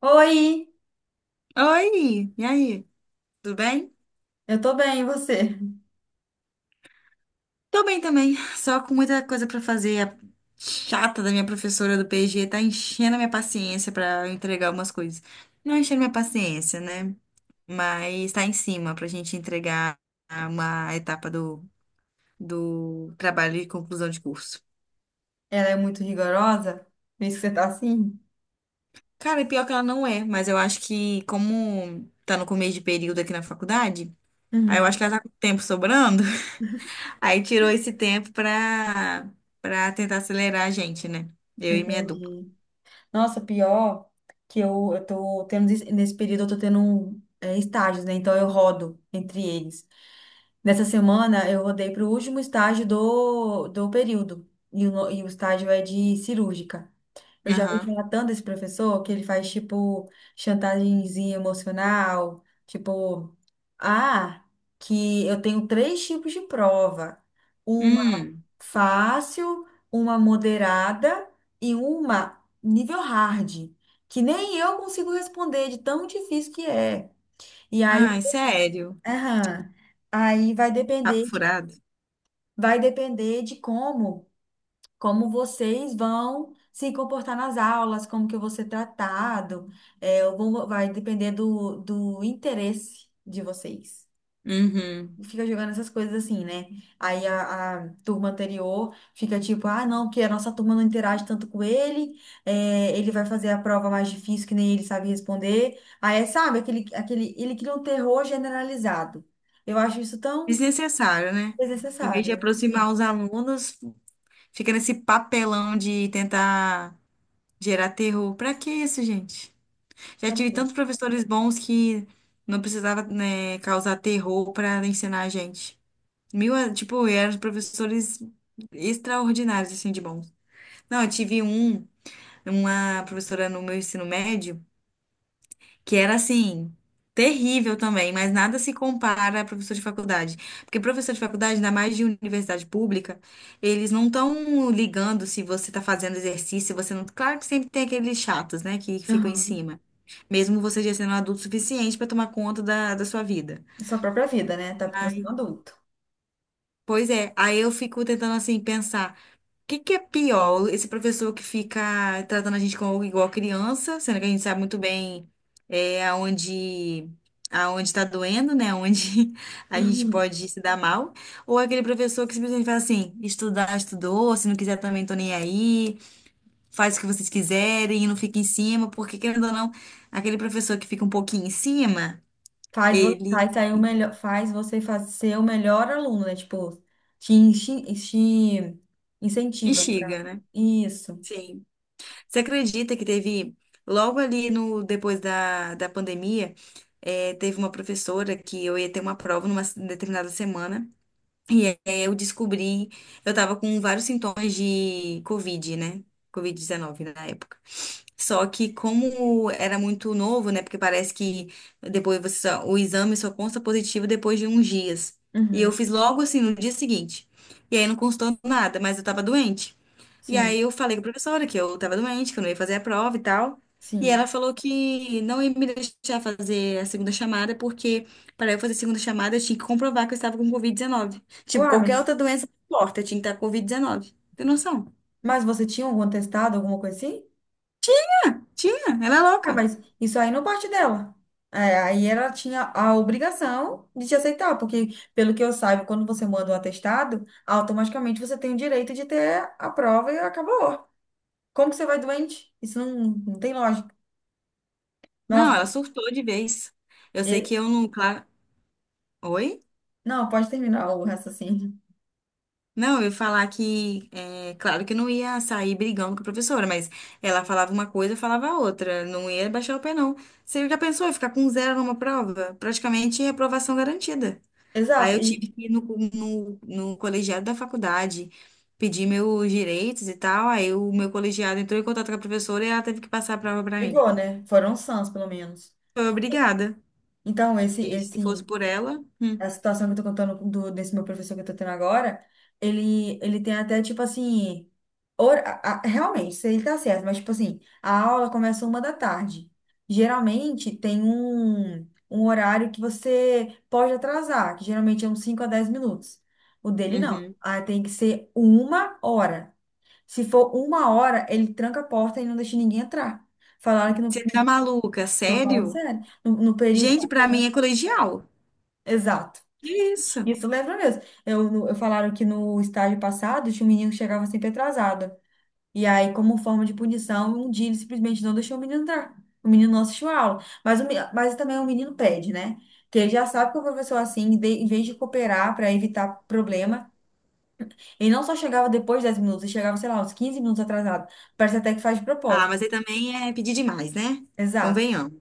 Oi, Oi, e aí? Tudo bem? eu tô bem, e você? Tô bem também, só com muita coisa pra fazer. A chata da minha professora do PG tá enchendo a minha paciência pra eu entregar umas coisas. Não enchendo minha paciência, né? Mas tá em cima pra gente entregar uma etapa do trabalho de conclusão de curso. Ela é muito rigorosa? Por isso que você tá assim? Cara, e pior que ela não é, mas eu acho que como tá no começo de período aqui na faculdade, aí eu acho Uhum, que ela tá com tempo sobrando. Aí tirou esse tempo pra tentar acelerar a gente, né? Eu e minha dupla. entendi. Nossa, pior que eu tô tendo, nesse período eu tô tendo um, estágios, né? Então eu rodo entre eles. Nessa semana eu rodei pro último estágio do período. E o, no- e o estágio é de cirúrgica. Eu já ouvi Aham. falar tanto desse professor que ele faz, tipo, chantagemzinha emocional, tipo, ah, que eu tenho três tipos de prova. Uma Hum. fácil, uma moderada e uma nível hard, que nem eu consigo responder de tão difícil que é. E aí, Ai, sério. aham, aí vai Papo depender de, furado. vai depender de como. Como vocês vão se comportar nas aulas, como que eu vou ser tratado, vai depender do interesse de vocês. Uhum. Fica jogando essas coisas assim, né? Aí a turma anterior fica tipo, ah, não, porque a nossa turma não interage tanto com ele, ele vai fazer a prova mais difícil que nem ele sabe responder. Aí, sabe, ele cria um terror generalizado. Eu acho isso tão Desnecessário, né? Em vez desnecessário, de né? aproximar os alunos, fica nesse papelão de tentar gerar terror. Pra que isso, gente? Já tive Também. tantos professores bons que não precisava, né, causar terror pra ensinar a gente. Mil, tipo, eram professores extraordinários, assim, de bons. Não, eu tive um. Uma professora no meu ensino médio que era assim, terrível também, mas nada se compara a professor de faculdade. Porque professor de faculdade, ainda mais de universidade pública, eles não estão ligando se você está fazendo exercício, se você não. Claro que sempre tem aqueles chatos, né, que ficam em Aham. cima. Mesmo você já sendo adulto o suficiente para tomar conta da sua vida. Sua própria vida, né? Até porque você Aí, é um adulto. pois é, aí eu fico tentando assim pensar. Que é pior? Esse professor que fica tratando a gente como igual criança, sendo que a gente sabe muito bem é, aonde está doendo, né? Onde a gente Uhum. pode se dar mal. Ou aquele professor que simplesmente fala assim, estudar, estudou, se não quiser também tô nem aí, faz o que vocês quiserem e não fica em cima, porque querendo ou não, aquele professor que fica um pouquinho em cima, Faz, ele faz sair o melhor, faz você faz, ser o melhor aluno, né? Tipo, te incentiva, no caso. instiga, né? Isso. Sim. Você acredita que teve, logo ali no, depois da pandemia, teve uma professora que eu ia ter uma prova numa determinada semana, e aí eu descobri, eu tava com vários sintomas de Covid, né? Covid-19 na época. Só que como era muito novo, né? Porque parece que depois você o exame só consta positivo depois de uns dias. E eu Uhum. fiz logo assim no dia seguinte. E aí não constou nada, mas eu tava doente. E Sim, aí eu falei com a professora que eu tava doente, que eu não ia fazer a prova e tal. E ela sim. falou que não ia me deixar fazer a segunda chamada, porque para eu fazer a segunda chamada eu tinha que comprovar que eu estava com Covid-19. Tipo, Uai, mas, qualquer outra doença não importa, eu tinha que estar com Covid-19. Tem noção? mas você tinha algum testado, alguma coisa assim? Tinha, ela é Uai, louca. mas isso aí não parte dela. É, aí ela tinha a obrigação de te aceitar, porque, pelo que eu saiba, quando você manda um atestado, automaticamente você tem o direito de ter a prova e acabou. Como que você vai doente? Isso não, não tem lógica. Nossa, Não, ela surtou de vez. Eu sei que é. eu não, claro. Oi? Não, pode terminar o raciocínio. Não, eu ia falar que, é, claro que eu não ia sair brigando com a professora, mas ela falava uma coisa, eu falava outra. Não ia baixar o pé, não. Você já pensou em ficar com zero numa prova? Praticamente reprovação garantida. Aí Exato, eu e tive que ir no colegiado da faculdade pedir meus direitos e tal. Aí o meu colegiado entrou em contato com a professora e ela teve que passar a prova pra mim. brigou, né? Foram sãs, pelo menos. Foi obrigada. Então, Porque se fosse por ela. Hum. a situação que eu tô contando desse meu professor que eu tô tendo agora, ele tem até, tipo assim, realmente, isso ele tá certo, mas, tipo assim, a aula começa uma da tarde. Geralmente, tem um horário que você pode atrasar, que geralmente é uns 5 a 10 minutos. O dele, não. Uhum. Ah, tem que ser uma hora. Se for uma hora, ele tranca a porta e não deixa ninguém entrar. Falaram que Você tá maluca? tô falando Sério? sério, no período Gente, pra mim é colegial. exato. Que isso? Isso lembra mesmo. Eu falaram que no estágio passado tinha um menino que chegava sempre atrasado. E aí, como forma de punição, um dia ele simplesmente não deixou o menino entrar. O menino não assistiu a aula. Mas também o menino pede, né? Que ele já sabe que o professor, é assim, em vez de cooperar para evitar problema, ele não só chegava depois de 10 minutos, ele chegava, sei lá, uns 15 minutos atrasado. Parece até que faz de Ah, mas propósito. aí também é pedir demais, né? Exato. Convenhamos.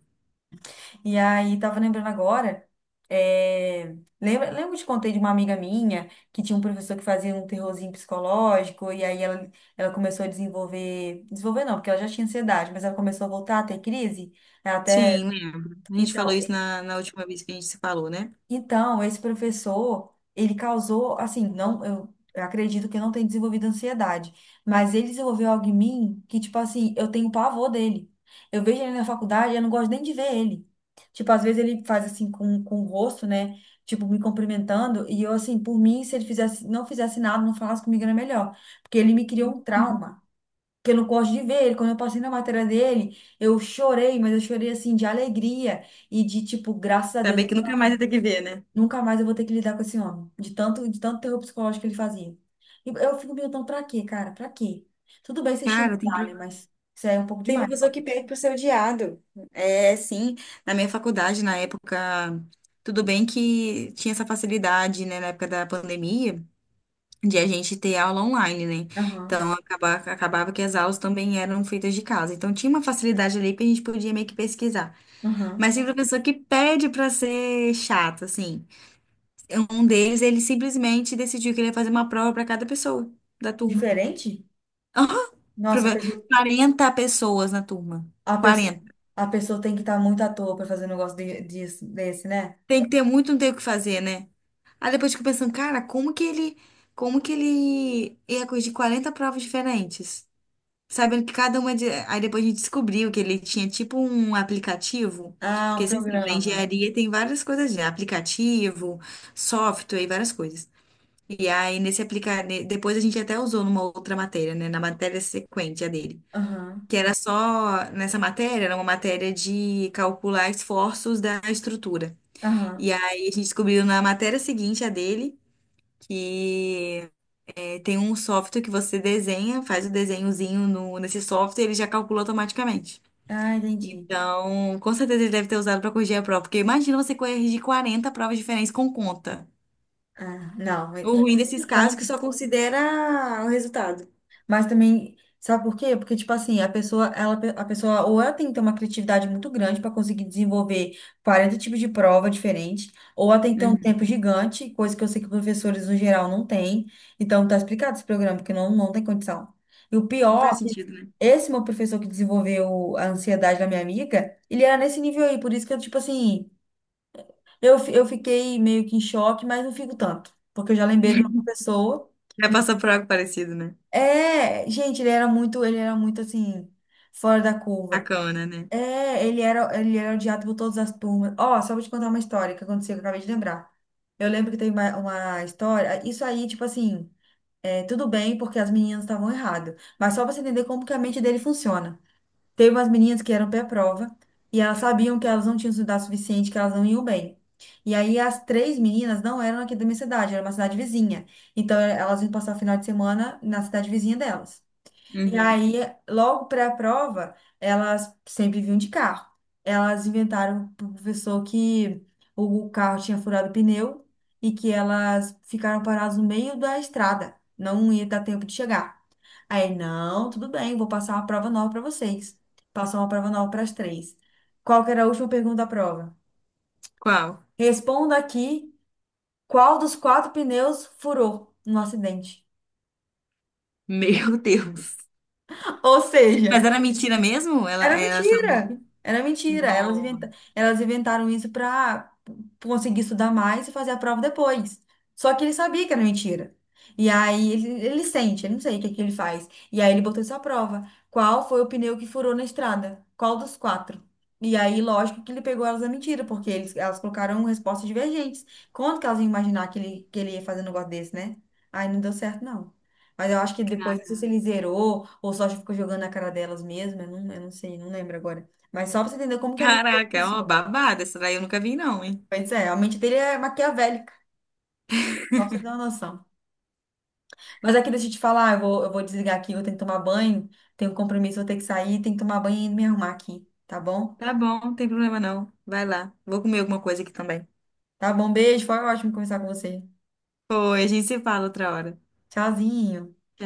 E aí, tava lembrando agora, lembra que eu te contei de uma amiga minha que tinha um professor que fazia um terrorzinho psicológico, e aí ela começou a desenvolver, desenvolver não, porque ela já tinha ansiedade, mas ela começou a voltar a ter crise, ela até, Sim, lembro. A gente falou então, isso na última vez que a gente se falou, né? Esse professor, ele causou, assim, não, eu acredito que eu não tenha desenvolvido ansiedade, mas ele desenvolveu algo em mim que, tipo assim, eu tenho pavor dele. Eu vejo ele na faculdade, eu não gosto nem de ver ele. Tipo, às vezes ele faz assim com o rosto, né? Tipo, me cumprimentando, e eu, assim, por mim, se ele fizesse, não fizesse nada, não falasse comigo, era melhor. Porque ele me criou um trauma. Que eu não gosto de ver ele. Quando eu passei na matéria dele, eu chorei, mas eu chorei assim de alegria e de tipo, graças a Deus. Saber que nunca mais vai ter que ver, né? Nunca mais eu vou ter que lidar com esse homem. De tanto terror psicológico que ele fazia. E eu fico me perguntando, pra quê, cara? Pra quê? Tudo bem você Cara, estimular, né? Mas isso aí é um pouco tem demais. Ó. professor que pede pro ser odiado. É, sim. Na minha faculdade, na época, tudo bem que tinha essa facilidade, né, na época da pandemia, de a gente ter aula online, né? Aham, Então, acabava que as aulas também eram feitas de casa. Então, tinha uma facilidade ali que a gente podia meio que pesquisar. aham. Mas tem professor que pede pra ser chato, assim. Um deles, ele simplesmente decidiu que ele ia fazer uma prova pra cada pessoa da turma. Diferente? Aham! Nossa, Prove- 40 pessoas na turma. a pessoa, Quarenta. a pessoa tem que estar muito à toa pra fazer um negócio desse, né? Tem que ter muito, não tem o que fazer, né? Aí depois eu fico pensando, cara, como que ele ia corrigir 40 provas diferentes? Sabendo que cada uma de... Aí depois a gente descobriu que ele tinha tipo um aplicativo, Ah, porque um você sabe, na programa. engenharia tem várias coisas de aplicativo, software e várias coisas. E aí, nesse aplicar, depois a gente até usou numa outra matéria, né? Na matéria sequente a dele. Aham, Que era só, nessa matéria, era uma matéria de calcular esforços da estrutura. aham. E aí a gente descobriu na matéria seguinte a dele que é, tem um software que você desenha, faz o desenhozinho no, nesse software, ele já calcula automaticamente. Ah, entendi. Então, com certeza ele deve ter usado para corrigir a prova, porque imagina você corrigir 40 provas diferentes com conta. Ah, não. O ruim desses casos é Como que só considera o resultado. Mas também, sabe por quê? Porque, tipo assim, a pessoa ou ela tem que ter uma criatividade muito grande para conseguir desenvolver 40 tipos de prova diferentes, ou ela tem que ter um Uhum. tempo gigante, coisa que eu sei que professores no geral não têm. Então, tá explicado esse programa, porque não, não tem condição. E o Não pior, faz é que sentido, né? esse meu professor que desenvolveu a ansiedade da minha amiga, ele era nesse nível aí, por isso que eu, tipo assim, eu fiquei meio que em choque, mas não fico tanto. Porque eu já lembrei de meu pessoa Já passou por algo parecido, né? é, gente, ele era muito assim, fora da curva. Sacana, né? É, ele era odiado por todas as turmas. Ó, só vou te contar uma história que aconteceu, que eu acabei de lembrar. Eu lembro que teve uma história, isso aí, tipo assim, tudo bem, porque as meninas estavam erradas. Mas só pra você entender como que a mente dele funciona. Teve umas meninas que eram pré-prova, e elas sabiam que elas não tinham estudado o suficiente, que elas não iam bem. E aí as três meninas não eram aqui da minha cidade, era uma cidade vizinha. Então elas iam passar o final de semana na cidade vizinha delas. E Uhum. aí, logo para a prova, elas sempre vinham de carro. Elas inventaram pro professor que o carro tinha furado o pneu e que elas ficaram paradas no meio da estrada. Não ia dar tempo de chegar. Aí, não, tudo bem, vou passar uma prova nova para vocês. Passou uma prova nova para as três. Qual que era a última pergunta da prova? Qual? Responda aqui qual dos quatro pneus furou no acidente. Meu Deus. Ou Mas seja, era mentira mesmo? Ela, Era ela só... mentira. Era mentira. Elas No... inventa- elas inventaram isso para conseguir estudar mais e fazer a prova depois. Só que ele sabia que era mentira. E aí ele sente, ele não sei o que que ele faz. E aí ele botou essa prova. Qual foi o pneu que furou na estrada? Qual dos quatro? E aí, lógico que ele pegou elas na mentira, porque eles, elas colocaram respostas divergentes. Quando que elas iam imaginar que ele ia fazer um negócio desse, né? Aí não deu certo, não. Mas eu acho que depois, não sei cara- se ele zerou ou só ficou jogando na cara delas mesmo, eu não sei, não lembro agora. Mas só pra você entender como que a mente dele Caraca, é uma funciona. babada. Essa daí eu nunca vi, não, hein? Pois é, a mente dele é maquiavélica, só pra você ter uma noção. Mas aqui, deixa eu te falar, eu vou desligar aqui, eu tenho que tomar banho, tenho um compromisso, vou ter que sair, tenho que tomar banho e me arrumar aqui, tá bom? Tá bom, não tem problema não. Vai lá. Vou comer alguma coisa aqui também. Tá bom, beijo, foi ótimo conversar com você. Foi, a gente se fala outra hora. Tchauzinho.